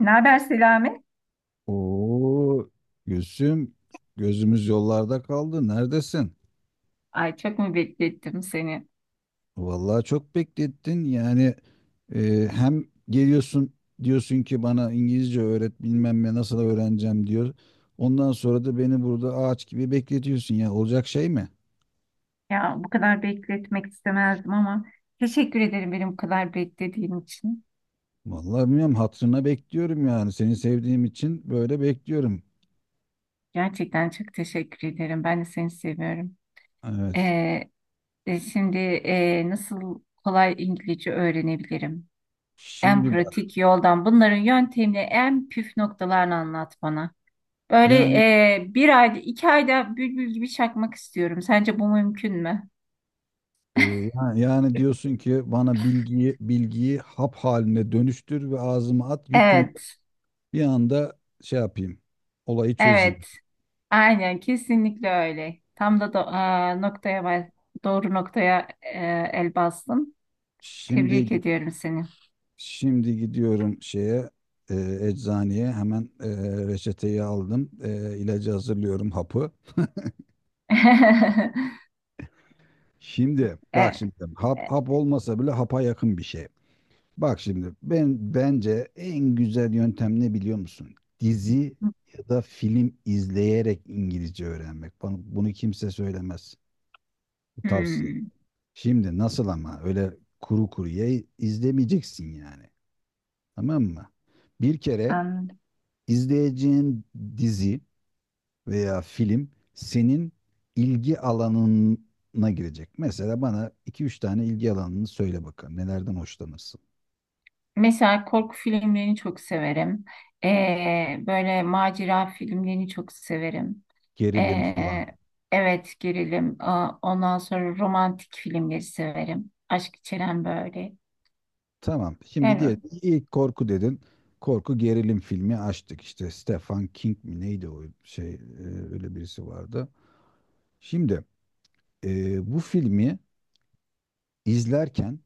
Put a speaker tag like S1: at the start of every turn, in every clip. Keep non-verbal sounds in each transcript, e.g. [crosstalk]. S1: Ne haber Selami?
S2: Oo, Gülsüm, gözümüz yollarda kaldı. Neredesin?
S1: Ay çok mu beklettim seni?
S2: Vallahi çok beklettin. Yani hem geliyorsun diyorsun ki bana İngilizce öğret bilmem ne nasıl öğreneceğim diyor. Ondan sonra da beni burada ağaç gibi bekletiyorsun ya. Olacak şey mi?
S1: Ya bu kadar bekletmek istemezdim ama teşekkür ederim benim bu kadar beklediğin için.
S2: Vallahi bilmiyorum, hatırına bekliyorum yani. Seni sevdiğim için böyle bekliyorum.
S1: Gerçekten çok teşekkür ederim. Ben de seni seviyorum.
S2: Evet.
S1: Ee, şimdi nasıl kolay İngilizce öğrenebilirim? En
S2: Şimdi bak,
S1: pratik yoldan bunların yöntemini en püf noktalarını anlat bana. Böyle
S2: yani
S1: bir ayda iki ayda bülbül gibi çakmak istiyorum. Sence bu mümkün mü?
S2: yani diyorsun ki bana bilgiyi hap haline dönüştür ve ağzıma at yutun.
S1: Evet,
S2: Bir anda şey yapayım. Olayı çözeyim.
S1: evet. Aynen kesinlikle öyle. Tam da do- aa, noktaya bas- Doğru noktaya el bastın.
S2: Şimdi
S1: Tebrik ediyorum seni.
S2: şimdi gidiyorum şeye, e, eczaneye hemen. Reçeteyi aldım. İlacı hazırlıyorum, hapı.
S1: [laughs]
S2: Şimdi
S1: E,
S2: bak, şimdi hap
S1: e,
S2: hap olmasa bile hapa yakın bir şey. Bak şimdi, ben bence en güzel yöntem ne biliyor musun? Dizi ya da film izleyerek İngilizce öğrenmek. Bunu kimse söylemez. Bu tavsiye.
S1: hmm,
S2: Şimdi nasıl ama, öyle kuru kuruya izlemeyeceksin yani. Tamam mı? Bir kere
S1: anladım.
S2: izleyeceğin dizi veya film senin ilgi alanına girecek. Mesela bana iki üç tane ilgi alanını söyle bakalım. Nelerden hoşlanırsın?
S1: Mesela korku filmlerini çok severim. Böyle macera filmlerini çok severim.
S2: Gerilim
S1: E,
S2: falan.
S1: evet gerilim. Aa, ondan sonra romantik filmleri severim. Aşk içeren böyle.
S2: Tamam. Şimdi
S1: Yani, o-
S2: diyelim ilk korku dedin. Korku gerilim filmi açtık. İşte Stephen King mi neydi o şey, öyle birisi vardı. Şimdi bu filmi izlerken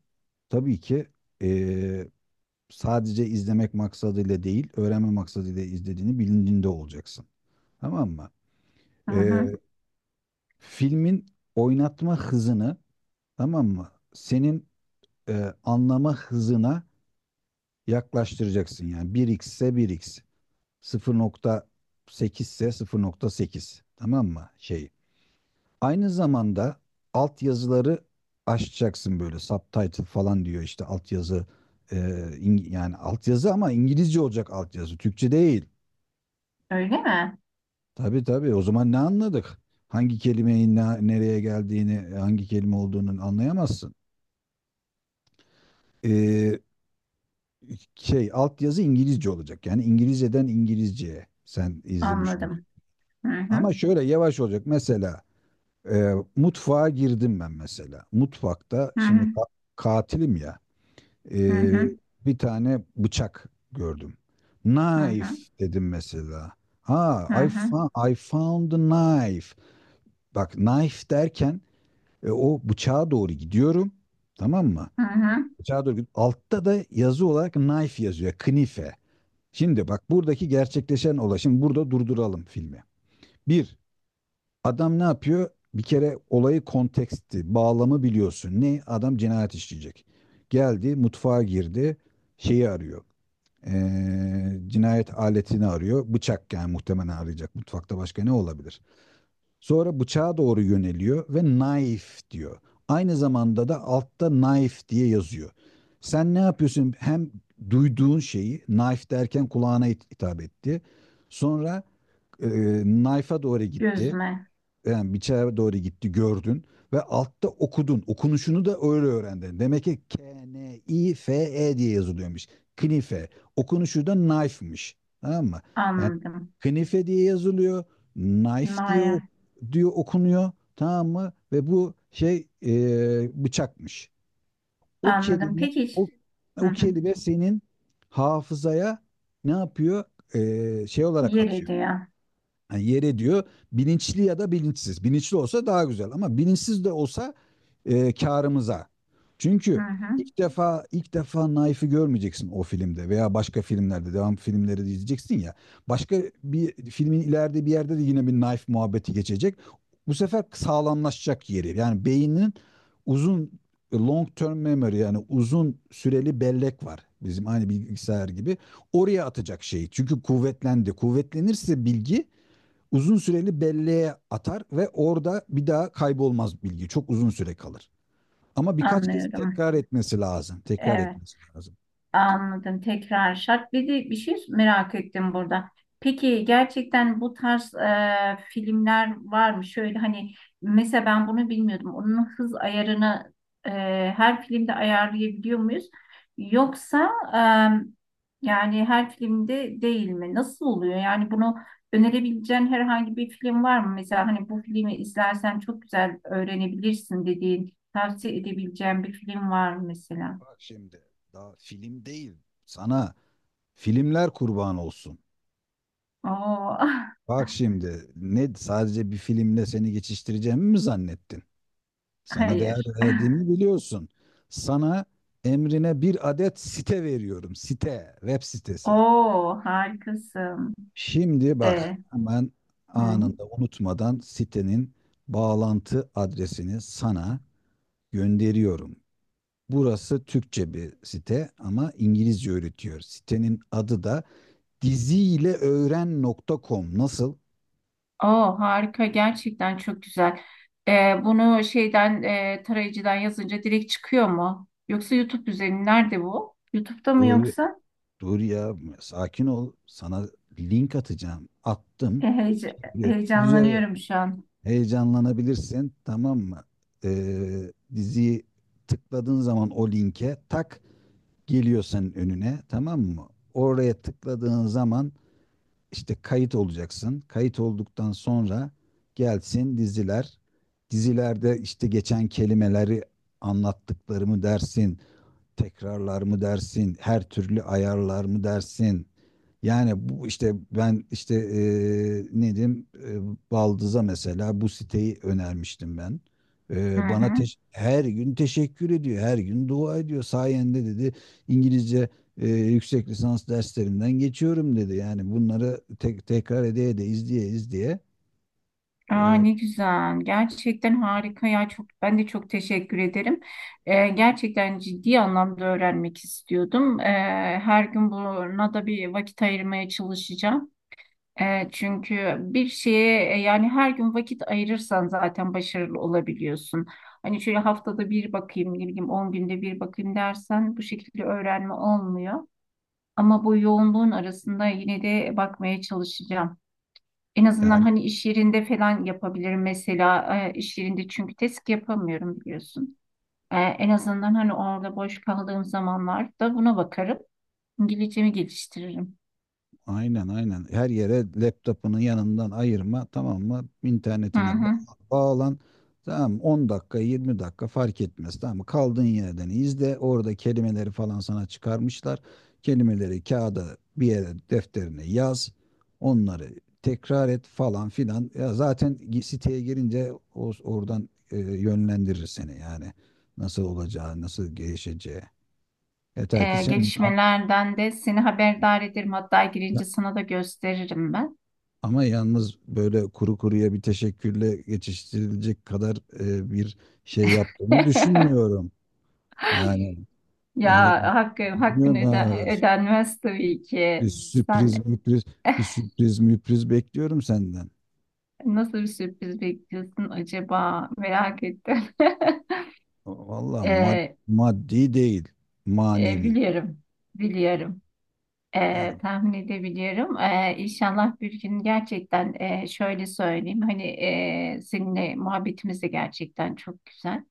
S2: tabii ki e, sadece izlemek maksadıyla değil, öğrenme maksadıyla izlediğini bilincinde olacaksın. Tamam mı?
S1: hı
S2: Ee,
S1: hı.
S2: filmin oynatma hızını, tamam mı? Senin anlama hızına yaklaştıracaksın. Yani 1x ise 1x, 0.8 ise 0.8. Tamam mı? Şey. Aynı zamanda altyazıları açacaksın, böyle subtitle falan diyor işte, altyazı, e, yani altyazı, ama İngilizce olacak altyazı, Türkçe değil.
S1: Öyle mi?
S2: Tabii tabii. O zaman ne anladık? Hangi kelimenin nereye geldiğini, hangi kelime olduğunu anlayamazsın. Ee, şey, altyazı İngilizce olacak. Yani İngilizceden İngilizceye sen izlemiş olacaksın.
S1: Anladım. Hı
S2: Ama
S1: hı.
S2: şöyle yavaş olacak. Mesela mutfağa girdim ben mesela. Mutfakta
S1: Hı
S2: şimdi
S1: hı.
S2: katilim ya.
S1: Hı
S2: e,
S1: hı.
S2: Bir tane bıçak gördüm.
S1: Hı
S2: Knife
S1: hı,
S2: dedim mesela. Ha,
S1: hı
S2: I,
S1: hı,
S2: I found a knife. Bak, knife derken o bıçağa doğru gidiyorum. Tamam mı?
S1: hı hı.
S2: Bıçağa doğru gidiyorum. Altta da yazı olarak knife yazıyor. Knife. Şimdi bak buradaki gerçekleşen olay. Şimdi burada durduralım filmi. Bir, adam ne yapıyor? Bir kere olayı, konteksti, bağlamı biliyorsun. Ne? Adam cinayet işleyecek. Geldi, mutfağa girdi, şeyi arıyor. Cinayet aletini arıyor. Bıçak yani, muhtemelen arayacak. Mutfakta başka ne olabilir? Sonra bıçağa doğru yöneliyor ve knife diyor. Aynı zamanda da altta knife diye yazıyor. Sen ne yapıyorsun? Hem duyduğun şeyi, knife derken kulağına hitap etti. Sonra e, knife'a doğru gitti,
S1: Gözüme
S2: yani biçare doğru gitti, gördün ve altta okudun. Okunuşunu da öyle öğrendin. Demek ki K, N, I, F, E diye yazılıyormuş. Knife. Okunuşu da knife'mış. Tamam mı? Yani
S1: anladım.
S2: knife diye yazılıyor, knife diye
S1: Naya
S2: diyor, okunuyor. Tamam mı? Ve bu şey, bıçakmış. O
S1: anladım.
S2: kelime
S1: Peki.
S2: o,
S1: Hı
S2: o
S1: hı.
S2: kelime senin hafızaya ne yapıyor? Şey olarak
S1: Yeri
S2: atıyor,
S1: diyor.
S2: yani yere diyor, bilinçli ya da bilinçsiz. Bilinçli olsa daha güzel, ama bilinçsiz de olsa karımıza.
S1: Hı
S2: Çünkü
S1: hı.
S2: ilk defa ilk defa Naif'i görmeyeceksin o filmde veya başka filmlerde, devam filmleri de izleyeceksin ya. Başka bir filmin ileride bir yerde de yine bir Naif muhabbeti geçecek. Bu sefer sağlamlaşacak yeri. Yani beynin uzun, long term memory, yani uzun süreli bellek var. Bizim aynı bilgisayar gibi. Oraya atacak şeyi. Çünkü kuvvetlendi. Kuvvetlenirse bilgi uzun süreli belleğe atar ve orada bir daha kaybolmaz bilgi. Çok uzun süre kalır. Ama birkaç kez
S1: Anlıyorum.
S2: tekrar etmesi lazım. Tekrar
S1: Evet.
S2: etmesi lazım.
S1: Anladım. Tekrar şart. Bir de bir şey merak ettim burada. Peki gerçekten bu tarz filmler var mı? Şöyle hani mesela ben bunu bilmiyordum. Onun hız ayarını e, her filmde ayarlayabiliyor muyuz? Yoksa yani her filmde değil mi? Nasıl oluyor? Yani bunu önerebileceğin herhangi bir film var mı? Mesela hani bu filmi izlersen çok güzel öğrenebilirsin dediğin, tavsiye edebileceğin bir film var mı mesela?
S2: Bak şimdi, daha film değil. Sana filmler kurban olsun.
S1: Oo. [laughs]
S2: Bak şimdi, ne, sadece bir filmle seni geçiştireceğimi mi zannettin? Sana değer
S1: Hayır.
S2: verdiğimi biliyorsun. Sana, emrine bir adet site veriyorum. Site, web sitesi.
S1: Oo harikasın.
S2: Şimdi bak,
S1: E.
S2: hemen
S1: Hı.
S2: anında unutmadan sitenin bağlantı adresini sana gönderiyorum. Burası Türkçe bir site ama İngilizce öğretiyor. Sitenin adı da diziyleöğren.com. Nasıl?
S1: Oo harika gerçekten çok güzel. E, bunu şeyden tarayıcıdan yazınca direkt çıkıyor mu? Yoksa YouTube üzerinden nerede bu? YouTube'da mı
S2: Dur,
S1: yoksa?
S2: dur ya, sakin ol. Sana link atacağım. Attım.
S1: E, heyece-
S2: Güzel,
S1: heyecanlanıyorum şu an.
S2: heyecanlanabilirsin, tamam mı? Diziyi tıkladığın zaman o linke tak geliyor senin önüne, tamam mı? Oraya tıkladığın zaman işte kayıt olacaksın. Kayıt olduktan sonra gelsin diziler. Dizilerde işte geçen kelimeleri, anlattıklarımı dersin, tekrarlar mı dersin, her türlü ayarlar mı dersin? Yani bu işte, ben işte ne diyeyim, Baldız'a mesela bu siteyi önermiştim ben.
S1: Hı
S2: Bana
S1: hı.
S2: her gün teşekkür ediyor, her gün dua ediyor. Sayende dedi, İngilizce yüksek lisans derslerinden geçiyorum dedi. Yani bunları tekrar ede ede, izleye izleye
S1: Aa,
S2: eee,
S1: ne güzel. Gerçekten harika ya. Çok, ben de çok teşekkür ederim. Gerçekten ciddi anlamda öğrenmek istiyordum. Her gün buna da bir vakit ayırmaya çalışacağım. Çünkü bir şeye yani her gün vakit ayırırsan zaten başarılı olabiliyorsun. Hani şöyle haftada bir bakayım, ne bileyim 10 günde bir bakayım dersen bu şekilde öğrenme olmuyor. Ama bu yoğunluğun arasında yine de bakmaya çalışacağım. En azından
S2: yani,
S1: hani iş yerinde falan yapabilirim mesela iş yerinde çünkü test yapamıyorum biliyorsun. En azından hani orada boş kaldığım zamanlarda buna bakarım. İngilizcemi geliştiririm.
S2: aynen aynen. Her yere laptopunu yanından ayırma, tamam mı?
S1: Hı
S2: İnternetine
S1: hı.
S2: bağlan. Tamam mı? 10 dakika, 20 dakika fark etmez. Tamam mı? Kaldığın yerden izle. Orada kelimeleri falan sana çıkarmışlar. Kelimeleri kağıda bir yere, defterine yaz. Onları tekrar et falan filan. Ya zaten siteye girince oradan yönlendirir seni yani. Nasıl olacağı, nasıl gelişeceği. Yeter ki sen yap.
S1: Gelişmelerden de seni haberdar ederim. Hatta girince sana da gösteririm ben.
S2: Ama yalnız böyle kuru kuruya bir teşekkürle geçiştirilecek kadar bir şey yaptığımı
S1: [laughs]
S2: düşünmüyorum. Yani
S1: Ya
S2: e,
S1: hakkını
S2: bilmiyorum ha,
S1: ödenmez tabii
S2: bir
S1: ki. Sen
S2: sürpriz müpriz
S1: [laughs]
S2: bir sürpriz müpriz bekliyorum senden.
S1: nasıl bir sürpriz bekliyorsun acaba? Merak ettim. [laughs]
S2: Valla
S1: Ee,
S2: maddi değil, manevi.
S1: biliyorum, biliyorum.
S2: Yani,
S1: Tahmin edebiliyorum. İnşallah bir gün gerçekten şöyle söyleyeyim. Hani seninle muhabbetimiz de gerçekten çok güzel.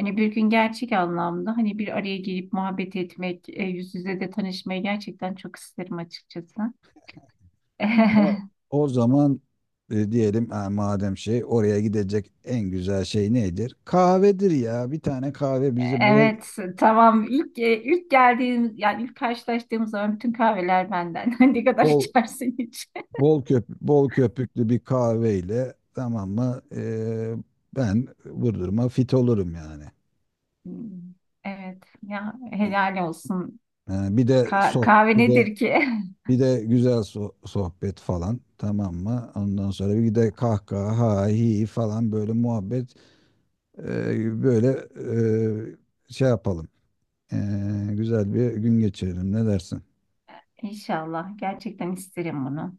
S1: Hani bir gün gerçek anlamda hani bir araya gelip muhabbet etmek, yüz yüze de tanışmayı gerçekten çok isterim açıkçası.
S2: tamam.
S1: [laughs]
S2: O zaman diyelim ha, madem şey oraya gidecek en güzel şey nedir? Kahvedir ya. Bir tane kahve bizi bol
S1: Evet, tamam. İlk ilk geldiğimiz yani ilk karşılaştığımız zaman bütün kahveler benden. [laughs] Ne kadar
S2: bol,
S1: içersin hiç?
S2: Bol köp bol köpüklü bir kahveyle, tamam mı? Ben vurdurma fit olurum yani.
S1: Hmm, evet, ya helal olsun.
S2: Yani
S1: Kahve
S2: bir de
S1: nedir ki? [laughs]
S2: bir de güzel sohbet falan, tamam mı? Ondan sonra bir de kahkaha ha hi falan, böyle muhabbet, böyle, şey yapalım. Güzel bir gün geçirelim, ne dersin?
S1: İnşallah gerçekten isterim bunu.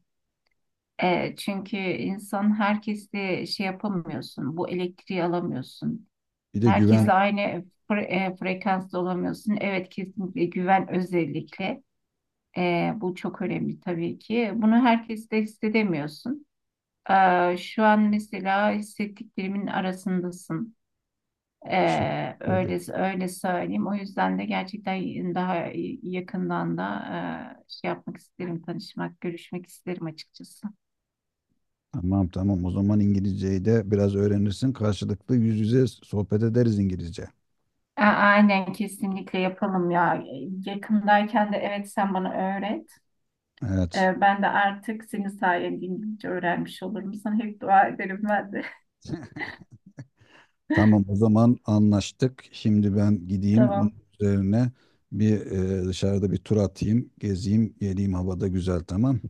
S1: Çünkü insan herkesle şey yapamıyorsun, bu elektriği alamıyorsun.
S2: Bir de güven,
S1: Herkesle aynı frekansta olamıyorsun. Evet kesinlikle güven özellikle. Bu çok önemli tabii ki. Bunu herkes de hissedemiyorsun. Şu an mesela hissettiklerimin arasındasın.
S2: şey.
S1: Öyle öyle söyleyeyim. O yüzden de gerçekten daha yakından da şey yapmak isterim, tanışmak, görüşmek isterim açıkçası.
S2: Tamam tamam, o zaman İngilizceyi de biraz öğrenirsin. Karşılıklı yüz yüze sohbet ederiz İngilizce.
S1: Aynen kesinlikle yapalım ya. Yakındayken de evet sen bana öğret.
S2: Evet.
S1: Ben de artık senin sayende İngilizce öğrenmiş olurum. Sana hep dua ederim ben de.
S2: Tamam o zaman, anlaştık. Şimdi ben
S1: [laughs]
S2: gideyim, bunun
S1: Tamam.
S2: üzerine dışarıda bir tur atayım, gezeyim, geleyim, havada güzel, tamam.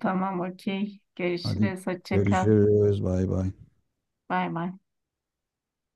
S1: Tamam, okey.
S2: Hadi
S1: Görüşürüz. Hoşça kal.
S2: görüşürüz. Bay bay.
S1: Bay bay.